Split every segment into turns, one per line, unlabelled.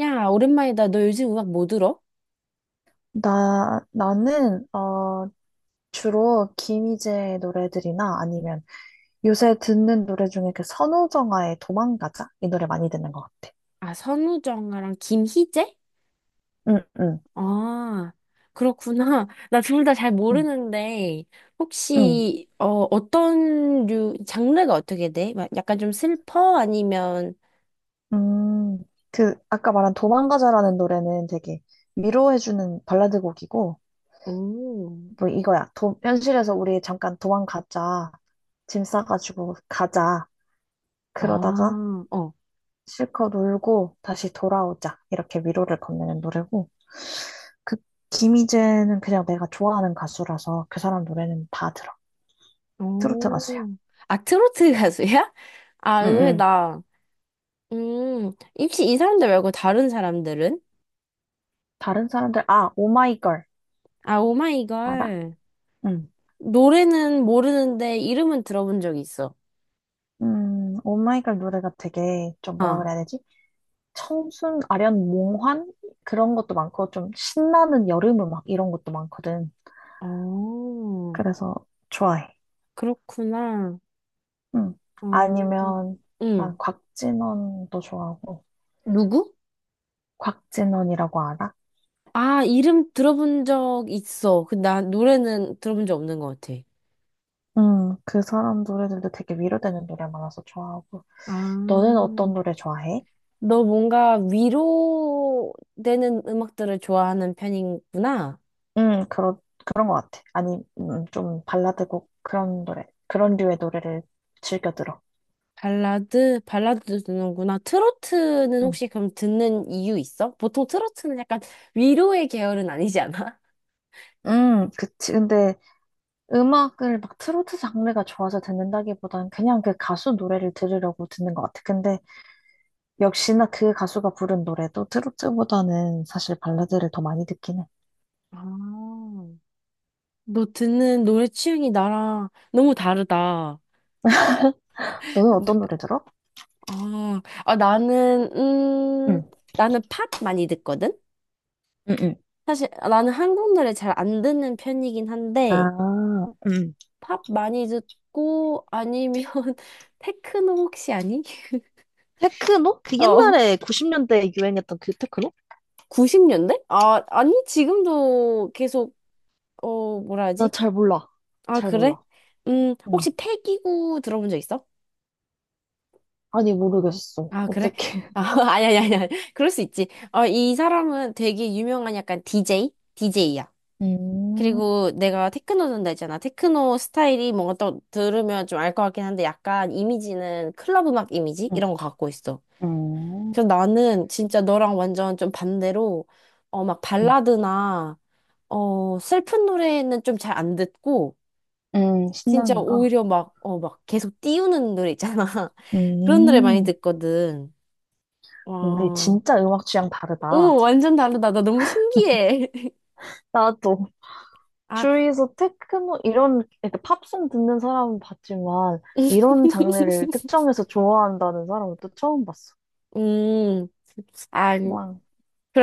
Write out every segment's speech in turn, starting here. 야, 오랜만이다. 너 요즘 음악 뭐 들어?
나는, 주로 김희재의 노래들이나 아니면 요새 듣는 노래 중에 그 선우정아의 도망가자? 이 노래 많이 듣는 것 같아.
아, 선우정아랑 김희재?
응, 응,
아, 그렇구나. 나 둘 다 잘
응,
모르는데,
응.
혹시, 어떤 류, 장르가 어떻게 돼? 막 약간 좀 슬퍼? 아니면,
음, 아까 말한 도망가자라는 노래는 되게 위로해주는 발라드 곡이고,
오오
뭐 이거야. 현실에서 우리 잠깐 도망가자. 짐 싸가지고 가자. 그러다가
아, 어,
실컷 울고 다시 돌아오자. 이렇게 위로를 건네는 노래고, 그 김희재는 그냥 내가 좋아하는 가수라서 그 사람 노래는 다 들어. 트로트 가수야.
오. 아, 트로트 가수야? 아,
응,
의외다. 음, 혹시 이 사람들 말고 다른 사람들은?
다른 사람들, 아, 오마이걸.
아,
알아?
오마이걸.
응,
노래는 모르는데, 이름은 들어본 적 있어.
오마이걸 노래가 되게 좀 뭐라
어.
그래야 되지? 청순, 아련, 몽환? 그런 것도 많고, 좀 신나는 여름 음악 이런 것도 많거든.
어,
그래서 좋아해.
그렇구나.
응.
어,
아니면, 난
응.
곽진원도 좋아하고,
누구?
곽진원이라고 알아?
아, 이름 들어본 적 있어. 그, 나 노래는 들어본 적 없는 것 같아.
그 사람 노래들도 되게 위로되는 노래 많아서 좋아하고.
아,
너는 어떤 노래 좋아해?
너 뭔가 위로되는 음악들을 좋아하는 편이구나.
음, 그런, 그런 것 같아. 아니, 좀 발라드곡 그런 노래, 그런 류의 노래를 즐겨 들어.
발라드도 듣는구나. 트로트는
음,
혹시 그럼 듣는 이유 있어? 보통 트로트는 약간 위로의 계열은 아니지 않아?
그치. 근데 음악을 막 트로트 장르가 좋아서 듣는다기보단 그냥 그 가수 노래를 들으려고 듣는 것 같아. 근데 역시나 그 가수가 부른 노래도 트로트보다는 사실 발라드를 더 많이 듣긴 해.
아. 너 듣는 노래 취향이 나랑 너무 다르다.
너는 어떤 노래 들어?
아, 아, 나는,
응,
음, 나는 팝 많이 듣거든?
응, 응.
사실 나는 한국 노래 잘 안 듣는 편이긴 한데,
아, 응.
팝 많이 듣고, 아니면, 테크노 혹시 아니?
테크노? 그
어,
옛날에 90년대에 유행했던 그 테크노?
90년대? 아, 아니, 지금도 계속, 뭐라
나
하지?
잘 몰라.
아,
잘
그래?
몰라. 응.
혹시 패기구 들어본 적 있어?
아니, 모르겠어.
아, 그래?
어떻게.
아, 아니, 아니, 아니, 아니. 그럴 수 있지. 이 사람은 되게 유명한 약간 DJ? DJ야.
음,
그리고 내가 테크노 듣는다 했잖아. 테크노 스타일이 뭔가 또 들으면 좀 알 것 같긴 한데 약간 이미지는 클럽 음악 이미지?
음,
이런 거 갖고 있어.
음,
그래서 나는 진짜 너랑 완전 좀 반대로 막
응,
발라드나 슬픈 노래는 좀 잘 안 듣고 진짜
신나는 거.
오히려 막 계속 띄우는 노래 있잖아. 그런 노래 많이
음.
듣거든.
우리
와.
진짜 음악 취향 다르다.
오, 완전 다르다. 나 너무 신기해.
나도
아,
주위에서 테크노 이런 그러니까 팝송 듣는 사람은 봤지만 이런 장르를 특정해서 좋아한다는 사람은 또 처음 봤어.
음, 아,
와,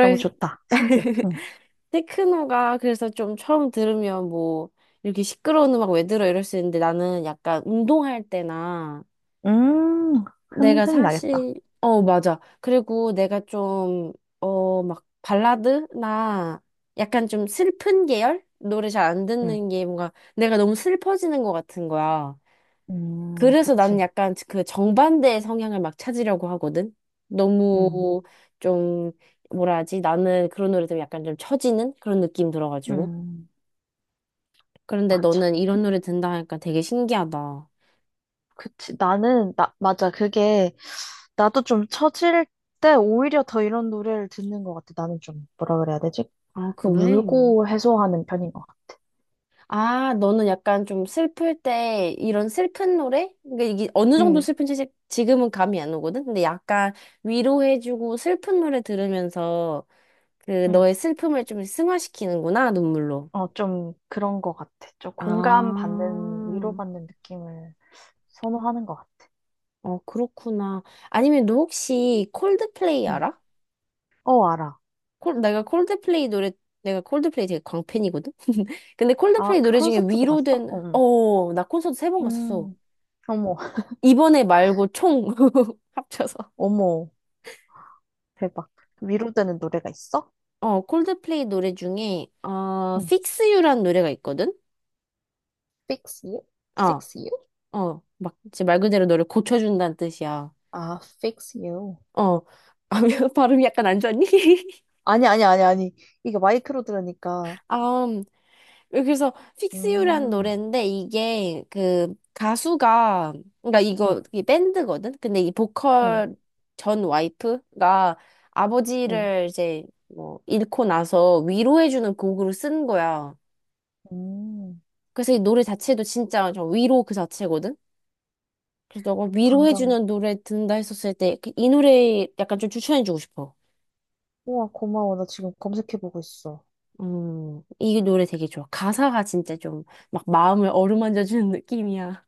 너무 좋다. 신기해. 응.
테크노가 그래서 좀 처음 들으면 뭐 이렇게 시끄러운 음악 왜 들어 이럴 수 있는데 나는 약간 운동할 때나
음, 흥,
내가
흥이 나겠다.
사실 어 맞아. 그리고 내가 좀 막 발라드나 약간 좀 슬픈 계열 노래 잘 안 듣는 게 뭔가 내가 너무 슬퍼지는 것 같은 거야. 그래서 나는
그치.
약간 그 정반대의 성향을 막 찾으려고 하거든.
음,
너무 좀 뭐라 하지. 나는 그런 노래 들으면 약간 좀 처지는 그런 느낌 들어가지고
음,
그런데
맞아.
너는 이런 노래 듣는다 하니까 되게 신기하다.
그치. 맞아. 그게, 나도 좀 처질 때 오히려 더 이런 노래를 듣는 것 같아. 나는 좀, 뭐라 그래야 되지?
아, 그래?
울고 해소하는 편인 것 같아.
아, 너는 약간 좀 슬플 때 이런 슬픈 노래? 그러니까 이게 어느 정도
음,
슬픈지 지금은 감이 안 오거든? 근데 약간 위로해주고 슬픈 노래 들으면서 그
음.
너의 슬픔을 좀 승화시키는구나, 눈물로.
어, 좀 그런 것 같아. 좀
아,
공감받는, 위로받는 느낌을 선호하는 것 같아.
어, 그렇구나. 아니면 너 혹시 콜드플레이
음.
알아?
어, 알아.
내가 콜드플레이 노래, 내가 콜드플레이 되게 광팬이거든? 근데
아,
콜드플레이
그
노래 중에
콘서트도 갔어? 어, 응.
나 콘서트 3번 갔었어.
음. 어머,
이번에 말고 총 합쳐서.
어머. 대박. 위로되는 노래가 있어?
어, 콜드플레이 노래 중에,
응.
Fix You란 노래가 있거든?
Fix You?
어,
Fix You?
막, 이제 말 그대로 너를 고쳐준다는 뜻이야.
아, Fix You.
어, 아, 발음이 약간 안 좋았니?
아니, 아니, 아니, 아니. 이게 마이크로 들으니까.
아, 그래서 Fix You라는
음,
노래인데 이게 그 가수가 그러니까
응,
이거 이 밴드거든. 근데 이
응,
보컬 전 와이프가
응,
아버지를 이제 뭐 잃고 나서 위로해주는 곡으로 쓴 거야.
음.
그래서 이 노래 자체도 진짜 저 위로 그 자체거든. 그래서 너가
당장,
위로해주는 노래 듣는다 했었을 때 그 이 노래 약간 좀 추천해주고 싶어.
우와, 고마워. 나 지금 검색해보고 있어.
이 노래 되게 좋아. 가사가 진짜 좀 막 마음을 어루만져주는 느낌이야.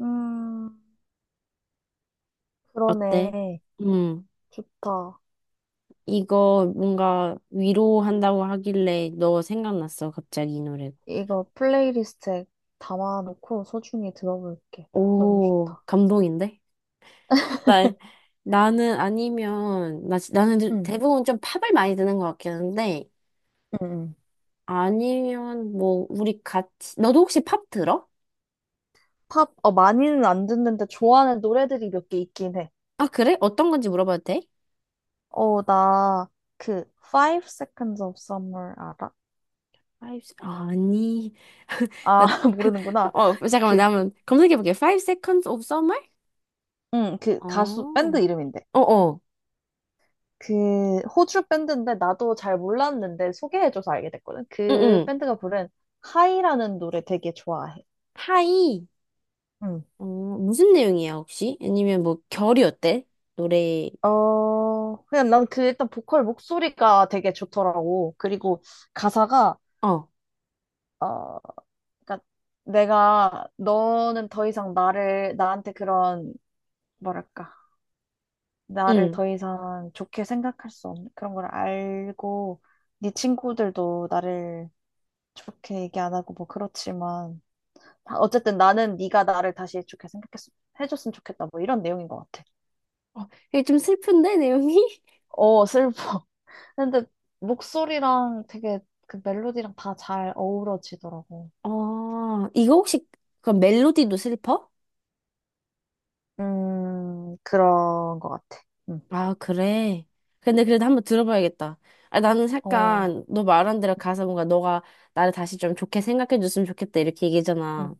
음,
어때?
그러네.
음.
좋다.
이거 뭔가 위로한다고 하길래 너 생각났어, 갑자기 이 노래가.
이거 플레이리스트에 담아놓고 소중히 들어볼게. 너무
오,
좋다.
감동인데? 나, 나는 아니면, 나는
응,
대부분 좀 팝을 많이 듣는 것 같긴 한데,
응, 응.
아니면 뭐, 우리 같이, 너도 혹시 팝 들어?
팝, 많이는 안 듣는데 좋아하는 노래들이 몇 개 있긴 해.
아, 그래? 어떤 건지 물어봐도 돼?
나, 그, Five Seconds of Summer 알아?
Five 아니, 나,
아, 모르는구나.
잠깐만,
그,
나 한번 검색해볼게. Five Seconds of Summer?
응, 그 가수 밴드
어,
이름인데.
어어,
그 호주 밴드인데 나도 잘 몰랐는데 소개해줘서 알게 됐거든. 그
응응.
밴드가 부른 하이라는 노래 되게 좋아해.
하이.
응.
무슨 내용이야, 혹시? 아니면 뭐, 결이 어때? 노래,
그냥 난 그 일단 보컬 목소리가 되게 좋더라고. 그리고 가사가,
어,
어, 그러니까 내가 너는 더 이상 나를, 나한테 그런, 뭐랄까, 나를
응.
더 이상 좋게 생각할 수 없는 그런 걸 알고, 네 친구들도 나를 좋게 얘기 안 하고 뭐 그렇지만 어쨌든 나는 네가 나를 다시 좋게 생각했 해줬으면 좋겠다 뭐 이런 내용인 것 같아.
어, 이게 좀 슬픈데, 내용이?
어 슬퍼. 근데 목소리랑 되게 그 멜로디랑 다 잘 어우러지더라고.
어, 그 멜로디도 슬퍼?
그런 것 같아. 응.
아, 그래. 근데 그래도 한번 들어봐야겠다. 아, 나는
어.
약간, 너 말한 대로
응.
가서 뭔가 너가 나를 다시 좀 좋게 생각해 줬으면 좋겠다, 이렇게
응.
얘기잖아.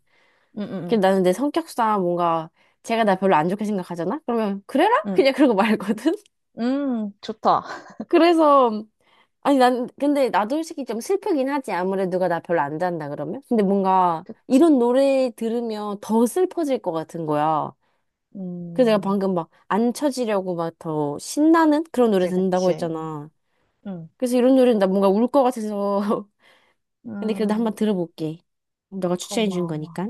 응.
근데 나는 내 성격상 뭔가, 제가 나 별로 안 좋게 생각하잖아? 그러면, 그래라?
응.
그냥 그러고 말거든?
응. 좋다.
그래서, 아니, 난, 근데 나도 솔직히 좀 슬프긴 하지. 아무래도 누가 나 별로 안 잔다 그러면. 근데 뭔가
그치?
이런 노래 들으면 더 슬퍼질 것 같은 거야. 그래서 내가
음
방금 막 안 쳐지려고 막 더 신나는 그런 노래
그치
듣는다고
그치.
했잖아.
응.
그래서 이런 노래는 나 뭔가 울 것 같아서. 근데 그래도 한번
음
들어볼게. 너가 추천해 준
고마워.
거니까.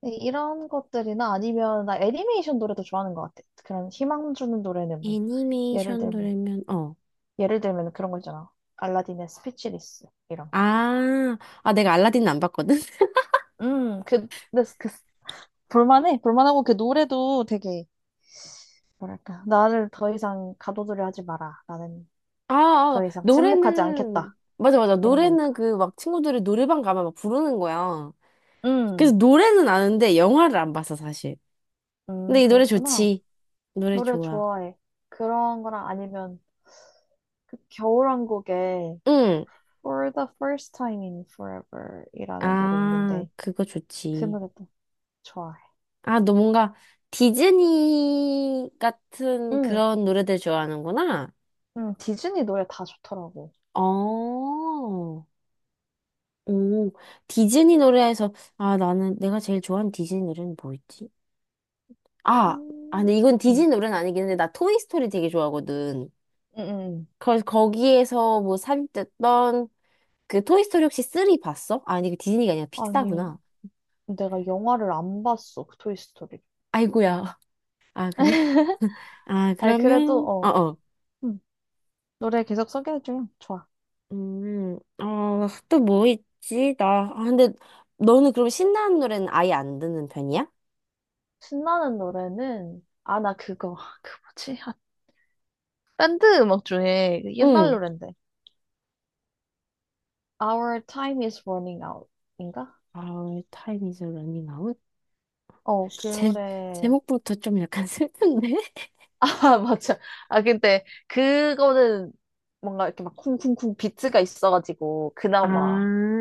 네, 이런 것들이나 아니면 나 애니메이션 노래도 좋아하는 것 같아. 그런 희망 주는 노래는 뭐 예를
애니메이션
들면
노래면, 어.
그런 거 있잖아. 알라딘의 스피치리스 이런 거.
아, 아, 내가 알라딘 안 봤거든?
근데 그 볼만해. 볼만하고 그 노래도 되게 뭐랄까 나를 더 이상 가둬두려 하지 마라. 나는
아, 아,
더 이상 침묵하지
노래는,
않겠다.
맞아, 맞아.
이런 거니까.
노래는 그 막 친구들이 노래방 가면 막 부르는 거야. 그래서
음,
노래는 아는데 영화를 안 봤어, 사실. 근데 이 노래
그렇구나.
좋지. 노래
노래
좋아.
좋아해. 그런 거랑 아니면 그 겨울왕국에
응.
For the First Time in Forever 이라는 노래
아,
있는데
그거
그
좋지.
노래도 좋아해.
아, 너 뭔가 디즈니 같은
응,
그런 노래들 좋아하는구나.
응, 디즈니 노래 다 좋더라고.
어. 오, 디즈니 노래에서, 아, 나는 내가 제일 좋아하는 디즈니 노래는 뭐였지? 아, 아,
음,
근데 이건
응,
디즈니 노래는 아니긴 한데, 나 토이스토리 되게 좋아하거든.
응, 응.
그래서 거기에서 뭐 삽입됐던 그 토이스토리 혹시 3 봤어? 아니, 그 디즈니가 아니라
아니,
픽사구나.
내가 영화를 안 봤어, 그 토이스토리.
아이고야. 아, 그래? 아,
아니, 그래도,
그러면, 어, 어.
응, 노래 계속 소개해주면 좋아.
또 뭐 있지? 근데 너는 그럼 신나는 노래는 아예 안 듣는 편이야?
신나는 노래는, 아, 나 그거, 그 뭐지? 아, 밴드 음악 중에 그 옛날
응.
노랜데. Our Time Is Running Out. 인가?
아, 타임 이즈 러닝 아웃?
어, 그
제,
노래.
제목부터 좀 약간 슬픈데?
아, 맞아. 아, 근데, 그거는 뭔가 이렇게 막 쿵쿵쿵 비트가 있어가지고, 그나마.
아,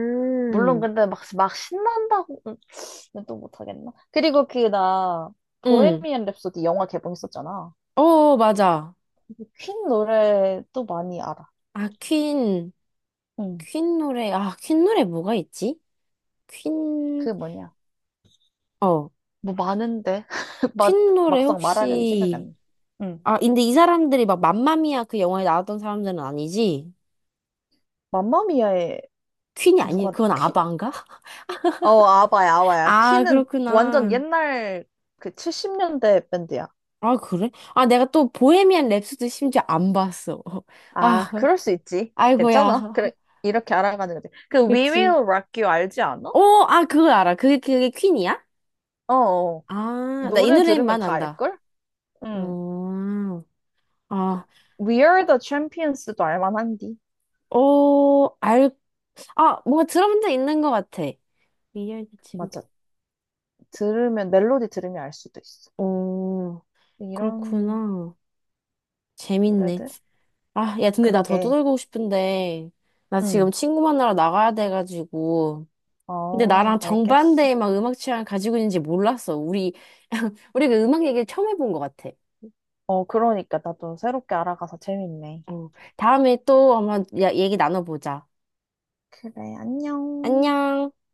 물론 근데 막 신난다고 또 못하겠나? 그리고 그 나
응.
보헤미안 랩소디 영화 개봉했었잖아.
어, 맞아.
퀸 노래 또 많이 알아.
아, 퀸.
응.
퀸 노래. 아, 퀸 노래 뭐가 있지? 퀸,
그 뭐냐?
어.
뭐 많은데 막
퀸 노래
막상 말하려니 생각이
혹시
안 나. 응.
아, 근데 이 사람들이 막 맘마미아 그 영화에 나왔던 사람들은 아니지?
맘마미아에
퀸이 아니,
누가
그건
퀸?
아바인가?
어 아바야 아바야.
아,
퀸은 완전
그렇구나.
옛날 그 70년대 밴드야.
아, 그래? 아, 내가 또 보헤미안 랩소디 심지어 안 봤어.
아
아,
그럴 수 있지. 괜찮아.
아이고야.
그래 이렇게 알아가는 거지. 그 We
그치.
Will Rock You 알지 않아?
오, 아, 그거 알아. 그게 퀸이야?
어. 어.
아, 나 이
노래 들으면
노래만
다
안다.
알걸? 응.
어,
그,
아,
We Are the Champions도 알만한디.
어, 아, 뭔가 들어본 적 있는 것 같아. 미열의 친구.
맞아. 들으면, 멜로디 들으면 알 수도 있어.
오,
이런
그렇구나. 재밌네.
노래들?
아, 야, 근데 나 더
그러게.
떠들고 싶은데, 나
응.
지금 친구 만나러 나가야 돼가지고. 근데
어,
나랑
알겠어.
정반대의 막 음악 취향을 가지고 있는지 몰랐어. 우리, 우리 그 음악 얘기를 처음 해본 것 같아.
어, 그러니까 나도 새롭게 알아가서 재밌네.
어, 다음에 또 한번 얘기 나눠보자.
그래, 안녕.
안녕.